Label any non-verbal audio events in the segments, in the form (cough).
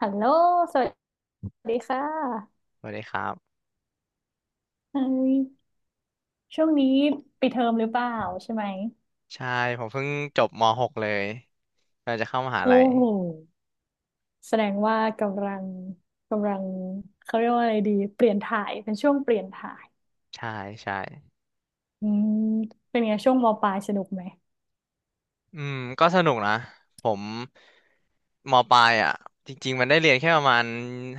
ฮัลโหลสวัสดีค่ะสวัสดีครับเอ้ยช่วงนี้ปิดเทอมหรือเปล่าใช่ไหม ใช่ผมเพิ่งจบม .6 เลยกำลังจะเข้ามหาโอ้ลัยโหแสดงว่ากำลังเขาเรียกว่าอะไรดี เปลี่ยนถ่ายเป็นช่วงเปลี่ยนถ่ายใช่ใช่อืมเป็นไงช่วงมปลายสนุกไหม อืมก็สนุกนะผมมปลายอ่ะจริงๆมันได้เรียนแค่ประมาณ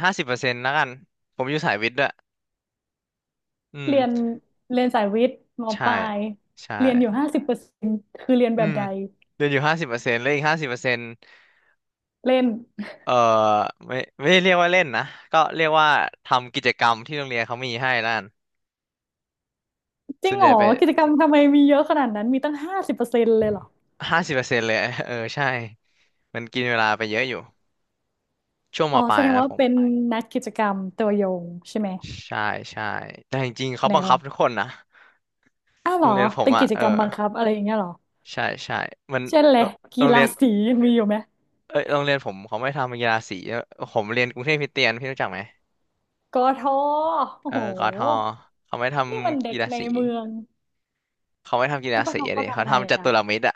ห้าสิบเปอร์เซ็นต์แล้วกันผมอยู่สายวิทย์ด้วยอืมเรียนเรียนสายวิทย์มใช่ปลายใช่เรียนอยู่ห้าสิบเปอร์เซ็นต์คือเรียนอืแบบมใดเรียนอยู่ห้าสิบเปอร์เซ็นต์แล้วอีกห้าสิบเปอร์เซ็นต์เล่นเอ่อไม่ได้เรียกว่าเล่นนะก็เรียกว่าทำกิจกรรมที่โรงเรียนเขามีให้แล้กันจริส่งวนเหใหรญ่อไปกิจกรรมทำไมมีเยอะขนาดนั้น มีตั้ง50%เลยเหรอห้าสิบเปอร์เซ็นต์เลย (laughs) เออใช่มันกินเวลาไปเยอะอยู่ ช่วงมอ๋อปแสลายดงนะว่าผมเป็นนักกิจกรรมตัวยงใช่ไหมใช่ใช่แต่จริงๆเขาแนบังว คับทุกคนนะอ้าวเหโรรองเรียนผมเป็นอ่ะกิจเอกรรมอบังคับอะไรอย่างเงี้ยเหรอใช่ใช่มันเช่นเลโรยโรกีงเรีฬายนสียังมีอยู่ไหมเอ้ยโรงเรียนผมเขาไม่ทำกีฬาสีผมเรียนกรุงเทพคริสเตียนพี่รู้จักไหมกทโอ้เออโหกทเขาไม่ทนี่มันำเด็กีกฬาในสีเมืองเขาไม่ทำกีแล้ฬาวกสีทอะเขาดิทำเขาอะไรทำจัอ่ะตุรมิตรอ่ะ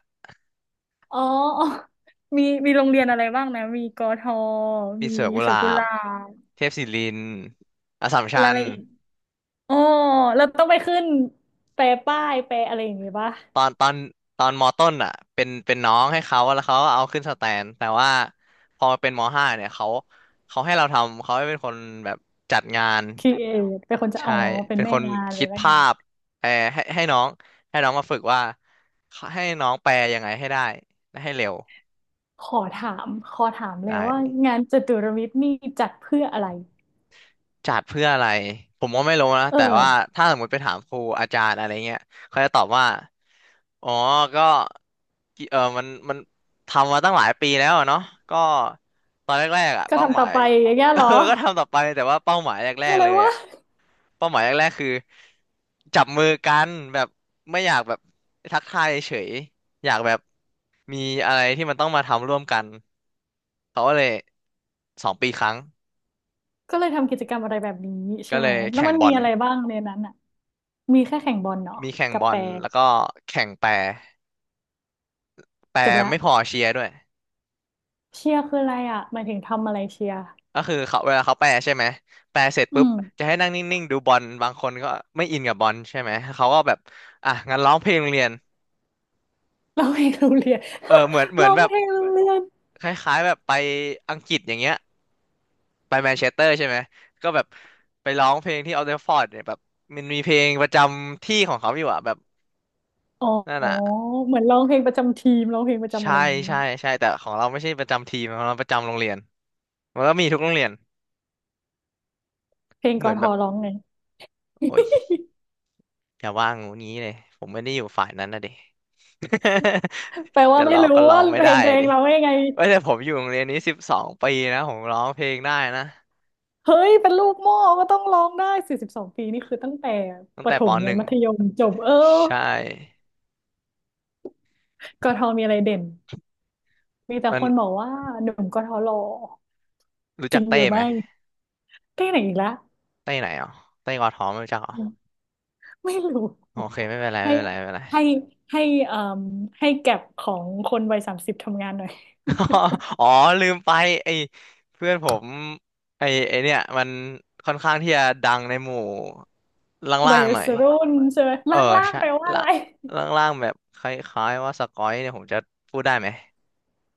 อ๋อ (laughs) มีโรงเรียนอะไรบ้างนะมีกทมีมีสวนกุหสวลานกุหบลาบเทพศิรินทร์อัสสัมแล้ชัวอะญ ไรอีกอ๋อแล้วต้องไปขึ้นแปลป้ายแปลอะไรอย่างงี้ปะตอนตอนตอนมอต้นอ่ะเป็นน้องให้เขาแล้วเขาก็เอาขึ้นสแตนแต่ว่าพอมาเป็นมห้าเนี่ยเขาให้เราทำเขาให้เป็นคนแบบจัดงานครีเอทเป็นคนจะอ๋ใช่อเป็นเป็นแม่คนงานคิเป็นดแม่ภางานพเออให้น้องให้น้องมาฝึกว่าให้น้องแปลยังไงให้ได้และให้เร็วขอถามเลยได้ ว่างานจตุรมิตรนี่จัดเพื่ออะไรจัดเพื่ออะไรผมก็ไม่รู้นะเอแต่ว่าอ ถ้าสมมติไปถามครูอาจารย์อะไรเงี้ยเขาจะตอบว่าอ๋อก็กิมันทำมาตั้งหลายปีแล้วอะเนาะก็ตอนแรกๆอ่ะก็เป้าหทำมาต่อย ไปอย่างเงี้ย (laughs) เอเหรออก็ทำต่อไปแต่ว่าเป้าหมายแรก็กๆเลเลยยว่าอ่ะเป้าหมายแรกๆคือจับมือกันแบบไม่อยากแบบทักทายเฉยอยากแบบมีอะไรที่มันต้องมาทำร่วมกันเขาก็เลย2 ปีครั้งก็เลยทำกิจกรรมอะไรแบบนี้ใช่ก็เลไหมยแล้วแข่งมันบมีอล อะไรบ้างในนั้นอ่ะมีแค่แข่งบอลเนาะมีแข่งกับบอแปลรแล้วก็แข่งแปรแปรจบละไม่พอเชียร์ด้วยเชียร์คืออะไรอ่ะหมายถึงทำอะไรเชียร์ก็คือเขาเวลาเขาแปรใช่ไหมแปรเสร็จอืปุ๊บมจะให้นั่งนิ่งๆดูบอลบางคนก็ไม่อินกับบอลใช่ไหมเขาก็แบบอ่ะงั้นร้องเพลงโรงเรียนร้องเพลงโรงเรียน เออเหมือนเห (laughs) มืร้ออนงแบบเพลงโรงเรียนคล้ายๆแบบไปอังกฤษอย่างเงี้ยไปแมนเชสเตอร์ใช่ไหมก็แบบไปร้องเพลงที่ออลเทฟฟอร์ดเนี่ยแบบมันมีเพลงประจำที่ของเขาอยู่อะแบบอ๋นั่นออะเหมือนร้องเพลงประจำทีมร้องเพลงประจำอะใช่ไรอย่างนี้ใช่ใช่แต่ของเราไม่ใช่ประจำทีมของเราประจำโรงเรียนมันก็มีทุกโรงเรียนเพลงเหกมือนทแบบร้องไงโอ้ย อย่าว่างูนี้เลยผมไม่ได้อยู่ฝ่ายนั้นนะเดิ แปล (laughs) ว่าจะไม่ร้องรู้ก็ร้อว่างไม่เพลได้งตัวอะเองดิร้องยังไงเว้ยแต่ผมอยู่โรงเรียนนี้12 ปีนะผมร้องเพลงได้นะเฮ้ยเป็นลูกหม่ก็ต้องร้องได้42 ปีนี่คือตั้งแต่ตั้ปงระแต่ถปมหยันนึ่งมัธยมจบเออใช่กทมีอะไรเด่น มีแต่มันคนบอกว่าหนุ่มกทหล่อรู้จจัริกงหเต้รือไหมไม่ที่ไหนอีกและเต้ไหนอ๋อเต้กอทอไม่รู้จักอ๋อไม่รู้โอเคไม่เป็นไรไม่ให้เป็นไรไม่เป็นไร ให้ให้เอ่มให้แก็บของคนวัย30ทำงานหน่อย (laughs) อ๋อลืมไปไอ้เพื่อนผมไอ้เนี่ยมันค่อนข้างที่จะดังในหมู่วัล่ายงๆหน่อย รุ่นใช่ไหมเอลอ่างใช่ๆไปลว่าอะล่าไรงล่างๆแบบคล้ายๆว่าสกอยเนี่ยผมจะพูดได้ไหม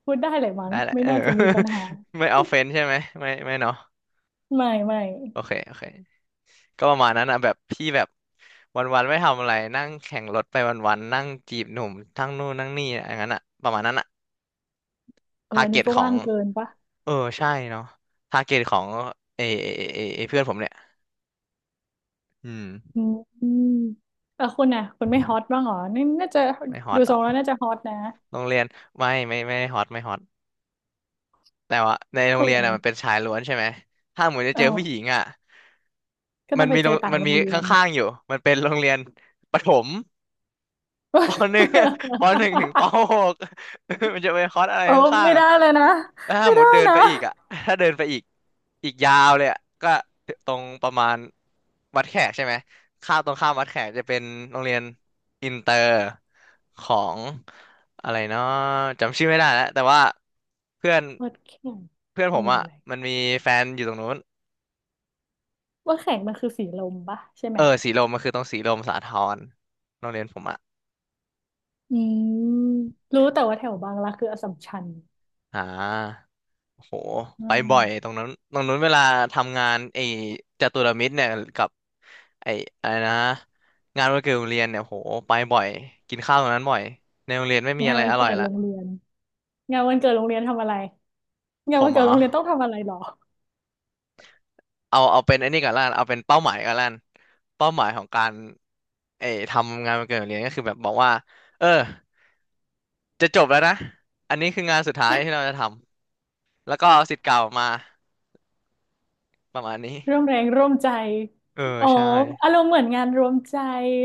พูดได้เลยมั้งได้แหละไม่เออ น่าจะมีปัญหา (laughs) ไม่เอาเฟนใช่ไหมไม่ไม่เนาะไม่ไม่โอเคโอเคก็ประมาณนั้นอ่ะแบบพี่แบบวันๆไม่ทำอะไรนั่งแข่งรถไปวันๆนั่งจีบหนุ่มทั้งนู่นนั่งนี่อย่างนั้นอ่ะประมาณนั้นอ่ะเออทาร์อันเก็นี้ตก็ของว่างเกินปะเออใช่เนาะทาร์เก็ตของเอเอเอเอเพื่อนผมเนี่ยอืมอืมอืมเออคุณน่ะคุณไม่ฮอตบ้างเหรอนี่น่าจะไม่ฮอดูตหทรรอกงแล้วน่าจะฮอตนะโรงเรียนไม่ไม่ไม่ฮอตไม่ฮอตแต่ว่าในโรสงเรียวนยอ่ะมันเป็นชายล้วนใช่ไหมถ้าเหมือนจะเอเจอผู้หญิงออ่ะ ก็ต้องไปเจอต่างมันโรมีงเรีขยน ้างๆอยู่มันเป็นโรงเรียนประถมปหนึ่ง (laughs) ปหนึ่งถึงปหก (laughs) มันจะเป็นคอร์สอะไรเออข้างไม่ๆอ่ะได้เลยนะแล้วถ้าไม่หมุได้ดเดินนะไปอีกอ่ะถ้าเดินไปอีกอีกยาวเลยอ่ะก็ตรงประมาณวัดแขกใช่ไหมข้ามตรงข้ามวัดแขกจะเป็นโรงเรียนอินเตอร์ของอะไรเนาะจำชื่อไม่ได้แล้วแต่ว่าเพื่อนวัดแข่งเพื่อนผโรมงเรียอ่ะนอะไรมันมีแฟนอยู่ตรงนู้นวัดแข่งมันคือสีลมปะใช่ไหมเออสีลมมันคือตรงสีลมสาทรโรงเรียนผมอ่ะ อืมรู้แต่ว่าแถวบางรักคืออัสสัมชัญอ่าโหอืไปบ่อยตมรงนั้นตรงนั้นเวลาทำงานไอ้จตุรมิตรเนี่ยกับไอ้อะไรนะงานวันเกิดโรงเรียนเนี่ยโหไปบ่อยกินข้าวตรงนั้นบ่อยในโรงเรียนไม่มีงาอะนไรวันอร่เกิอยดละโรงเรียนงานวันเกิดโรงเรียนทำอะไรงาผนวัมนเกิอ๋ดอโรงเรียนต้องทำอะไรหรอเอาเป็นไอ้นี่ก่อนละกันเอาเป็นเป้าหมายก่อนละกันเป้าหมายของการไอ้ทำงานวันเกิดโรงเรียนก็คือแบบบอกว่าเออจะจบแล้วนะอันนี้คืองานสุดท้ายที่เราจะทำแล้วก็เอาศิษย์เก่ามาประมาณนี้ร่วมแรงร่วมใจเอออ๋อใช่อารมณ์เหมือนงานรวมใจ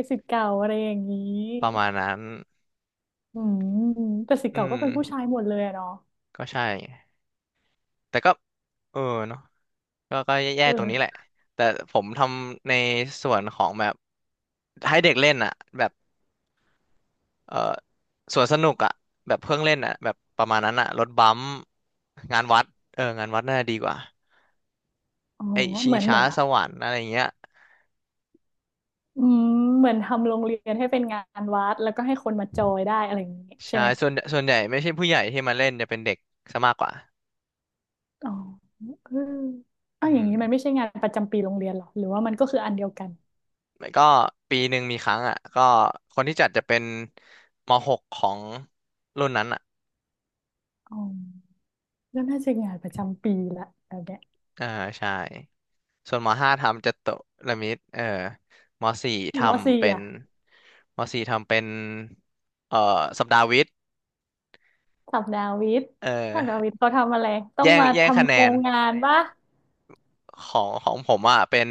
ศิษย์เก่าอะไรอย่างนี้ประมาณนั้นอืมแต่ศิษย์อืเก่าก็ม เป็นผู้ชายหมดเลยอะเนาะก็ใช่แต่ก็เออเนาะก็แย่ๆตรงนี้แหเออละแต่ผมทำในส่วนของแบบให้เด็กเล่นอ่ะแบบเออสวนสนุกอ่ะแบบเพื่องเล่นอ่ะแบบประมาณนั้นอ่ะรถบัมป์งานวัดเอองานวัดน่าจะดีกว่าอ๋อไอชิเหงมือนเหช้ามือน สวรรค์อะไรเงี้ยอืมเหมือนทำโรงเรียนให้เป็นงานวัดแล้วก็ให้คนมาจอยได้อะไรอย่างนี้ใช่ใช่ไหมส่วนใหญ่ไม่ใช่ผู้ใหญ่ที่มาเล่นจะเป็นเด็กซะมากกว่าอ๋อเอออ้าอืวอย่ามงนี้มันไม่ใช่งานประจำปีโรงเรียนหรอหรือว่ามันก็คืออันเดียวกันแล้วก็ปีหนึ่งมีครั้งอ่ะก็คนที่จัดจะเป็นม .6 ของรุ่นนั้นอ่ะอ๋อก็น่าจะงานประจำปีละแบบเนี้ยอ่าใช่ ส่วนมห้าทำจัตุรมิตรเออมสี่ทมสี่ำเป็นอ่ะมสี่ทำเป็นเอ่อสัปดาห์วิทย์สัปดาห์วิทย์เออสัปดาห์วิทย์เขาทำอะไรต้องแย่งมาแย่งคะทำแนโครนงงานปะของของผมอ่ะเป็น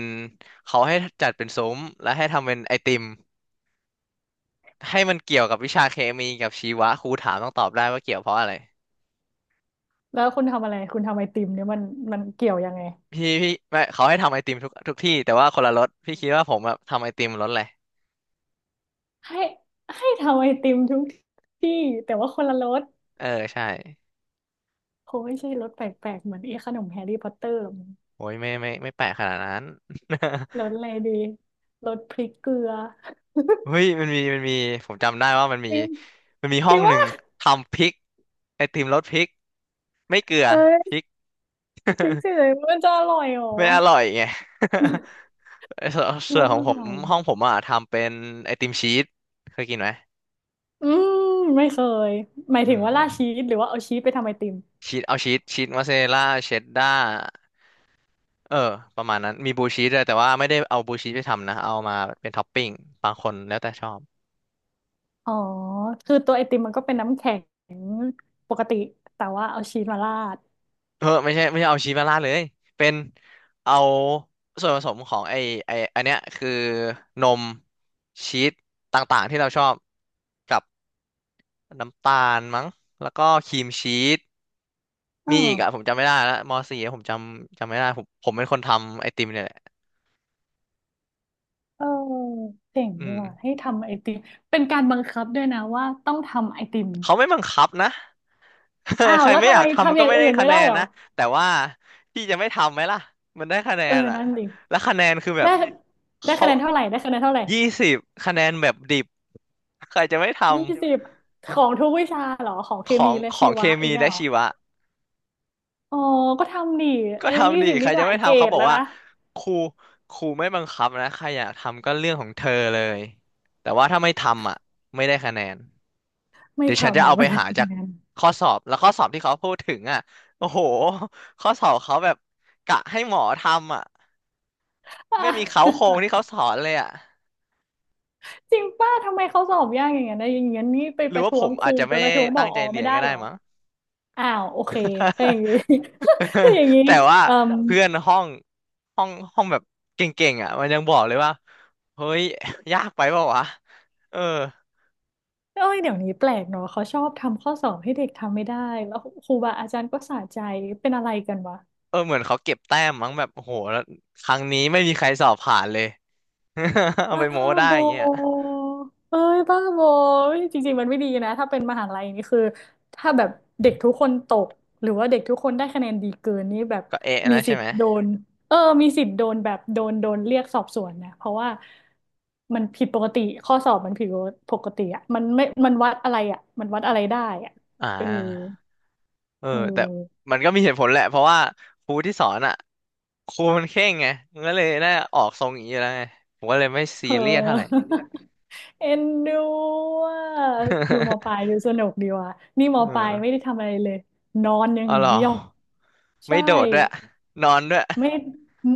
เขาให้จัดเป็นซุ้มและให้ทำเป็นไอติมให้มันเกี่ยวกับวิชาเคมีกับชีวะครูถามต้องตอบได้ว่าเกี่ยวเพราะอะไรแล้วคุณทำอะไรคุณทำไอติมเนี่ยมันเกี่ยวยังไงพี่ไม่เขาให้ทำไอติมทุกที่แต่ว่าคนละรสพี่คิดว่าผมแบบทำไอติมรสอะไรให้ให้ทำไอติมทุกที่แต่ว่าคนละรสเออใช่คงไม่ใช่รสแปลกๆเหมือนไอ้ขนมแฮร์รี่พอตเตอร์หรอก โอ้ยไม่ไม่ไม่แปลกขนาดนั้น (laughs) รสอะไรดีรสพริกเกลือ (laughs) เฮ้ยมันมีผมจำได้ว่ามันมีจริงมันมีจห้อริงงหว่านึ่งทำพริกไอติมรสพริกไม่เกลือเอ้พริยก พริ (laughs) กเฉยๆมันจะอร่อยเหรอไม่อร่อยไง (laughs) ไอ้ส่วนส่รวนสของอะผมไรห้องผมอ่ะทำเป็นไอติมชีสเคยกินไหมอืมไม่เคยหมายอืถึงว่าราดชีมสหรือว่าเอาชีสไปทำไอติมชีสเอาชีสมอสซาเรลล่าเชดด้าเออประมาณนั้นมีบลูชีสด้วยแต่ว่าไม่ได้เอาบลูชีสไปทำนะเอามาเป็นท็อปปิ้งบางคนแล้วแต่ชอบ อ๋อคือตัวไอติมมันก็เป็นน้ำแข็งปกติแต่ว่าเอาชีสมาราดเออไม่ใช่ไม่ใช่เอาชีสมาราดเลยเป็นเอาส่วนผสมของไออันเนี้ยคือนมชีสต่างๆที่เราชอบกับน้ำตาลมั้งแล้วก็ครีมชีสอ๋อมีอีกอะผมจำไม่ได้แล้วมสี่ผมจำไม่ได้ผมเป็นคนทำไอติมเนี่ยแหละเออเจ๋งดีอืมว่ะให้ทำไอติมเป็นการบังคับด้วยนะว่าต้องทำไอติมเขาไม่บังคับนะ อ้า (laughs) ใควรแล้วไม่อทำยาไมกทำมันทำอก็ย่างไม่อื่ได้นคะไม่แนได้นเหรอนะแต่ว่าพี่จะไม่ทำไหมล่ะมันได้คะแนเออนอะนั่นดิแล้วคะแนนคือแบได้บได้คะเขา แนนเท่าไหร่ได้คะแนนเท่าไหร่ 20คะแนนแบบดิบใครจะไม่ทยี่สิบของทุกวิชาเหรอของเคำขอมีงและขชีองเควะเอมีงอะและเหรอชีวะอ๋อก็ทำดิก็เอ้ยี่ทำดิสิบใคนี่รหจะลายไม่เกรทำเขาดบอกแล้วว่านะครูครูไม่บังคับนะใครอยากทำก็เรื่องของเธอเลยแต่ว่าถ้าไม่ทำอ่ะไม่ได้คะแนนไม่เดี๋ยวฉันจะทำอ่ะเอาไม่ไปได้หาจากทำงาน ข้อสอบแล้วข้อสอบที่เขาพูดถึงอ่ะโอ้โหข้อสอบเขาแบบกะให้หมอทำอ่ะ (laughs) อ่ไม่มีเค้าโครงะที่เขาสอนเลยอ่ะจริงป้าทำไมเขาสอบยากอย่างเงี้ยนะอย่างเงี้ยนี่ไปหรืปอระว่าท้ผวงมคอารูจจะไปไม่ประท้วงผตั้องใจเรีไม่ยนได้ก็ได้หรอมั้ง อ้าวโอเคถ้าอย่างนี้ (laughs) (laughs) ถ้าอย่างนี้แต่ว่าเอ่อเพื่อนห้องห้องห้องแบบเก่งๆอ่ะมันยังบอกเลยว่าเฮ้ยยากไปเปล่าวะเออเอ้ยเดี๋ยวนี้แปลกเนาะเขาชอบทำข้อสอบให้เด็กทำไม่ได้แล้วครูบาอาจารย์ก็สะใจเป็นอะไรกันวะ เออเหมือนเขาเก็บแต้มมั้งแบบโอ้โหแล้วครั้งนี้ไม่มีใครสอบผ่านเลย (laughs) เอาไปบ้าโม้ได้บออย่างเงี้ยเอ้ยบ้าบอเฮ้ยจริงๆ มันไม่ดีนะ ถ้าเป็นมหาลัยนี่คือถ้าแบบเด็กทุกคนตกหรือว่าเด็กทุกคนได้คะแนนดีเกินนี่แบบก็เอ๊ะมีนะสิใช่ทไหมธิ์โดนเออมีสิทธิ์โดนแบบโดนเรียกสอบสวนนะเพราะว่ามันผิดปกติข้อสอบมันผิดปกติอ่ะมันไม่มันวัดอะไรอ่ะมันวัดอะไรได้อ่ะอ่าเออเอแต่อ มันก็มีเหตุผลแหละเพราะว่าครูที่สอนอ่ะครูมันเคร่งไงมันก็เลยน่าออกทรงอย่างนี้อยู่แล้วไงผมก็เลยไม่ซีเออ เรียสเท่าไหร่ (laughs) เอ็นดูอ่ะดูมอปลายดูสนุกดีว่ะนี่ (laughs) มเอปลายไม่ได้ออทำอะไรเลยนอนอย่าอ๋องเหรอ เดียวไม่ใช่โดดด้วยนอนด้วยไม่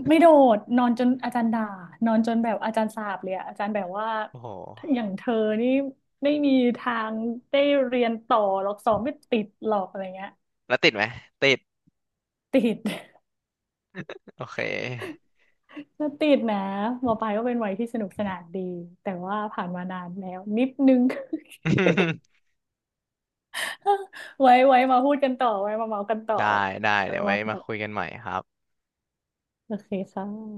ไม่โดดนอนจนอาจารย์ด่านอนจนแบบอาจารย์สาปเลยอะอาจารย์แบบว่าโอ้โหอย่างเธอนี่ไม่มีทางได้เรียนต่อหรอกสอบไม่ติดหรอกอะไรเงี้ยแล้วติดไหมติดติด (laughs) โอเค ก็ติดนะมอปลายก็เป็นวัยที่สนุกสนานดีแต่ว่าผ่านมานานแล้วนิดนึง (laughs) ไว้มาพูดกันต่อไว้มาเมากันต่อได้ได้ไว้เดี๋ยวมาไว้เมากันมาต่อคุยกันใหม่ครับโอเคค่ะ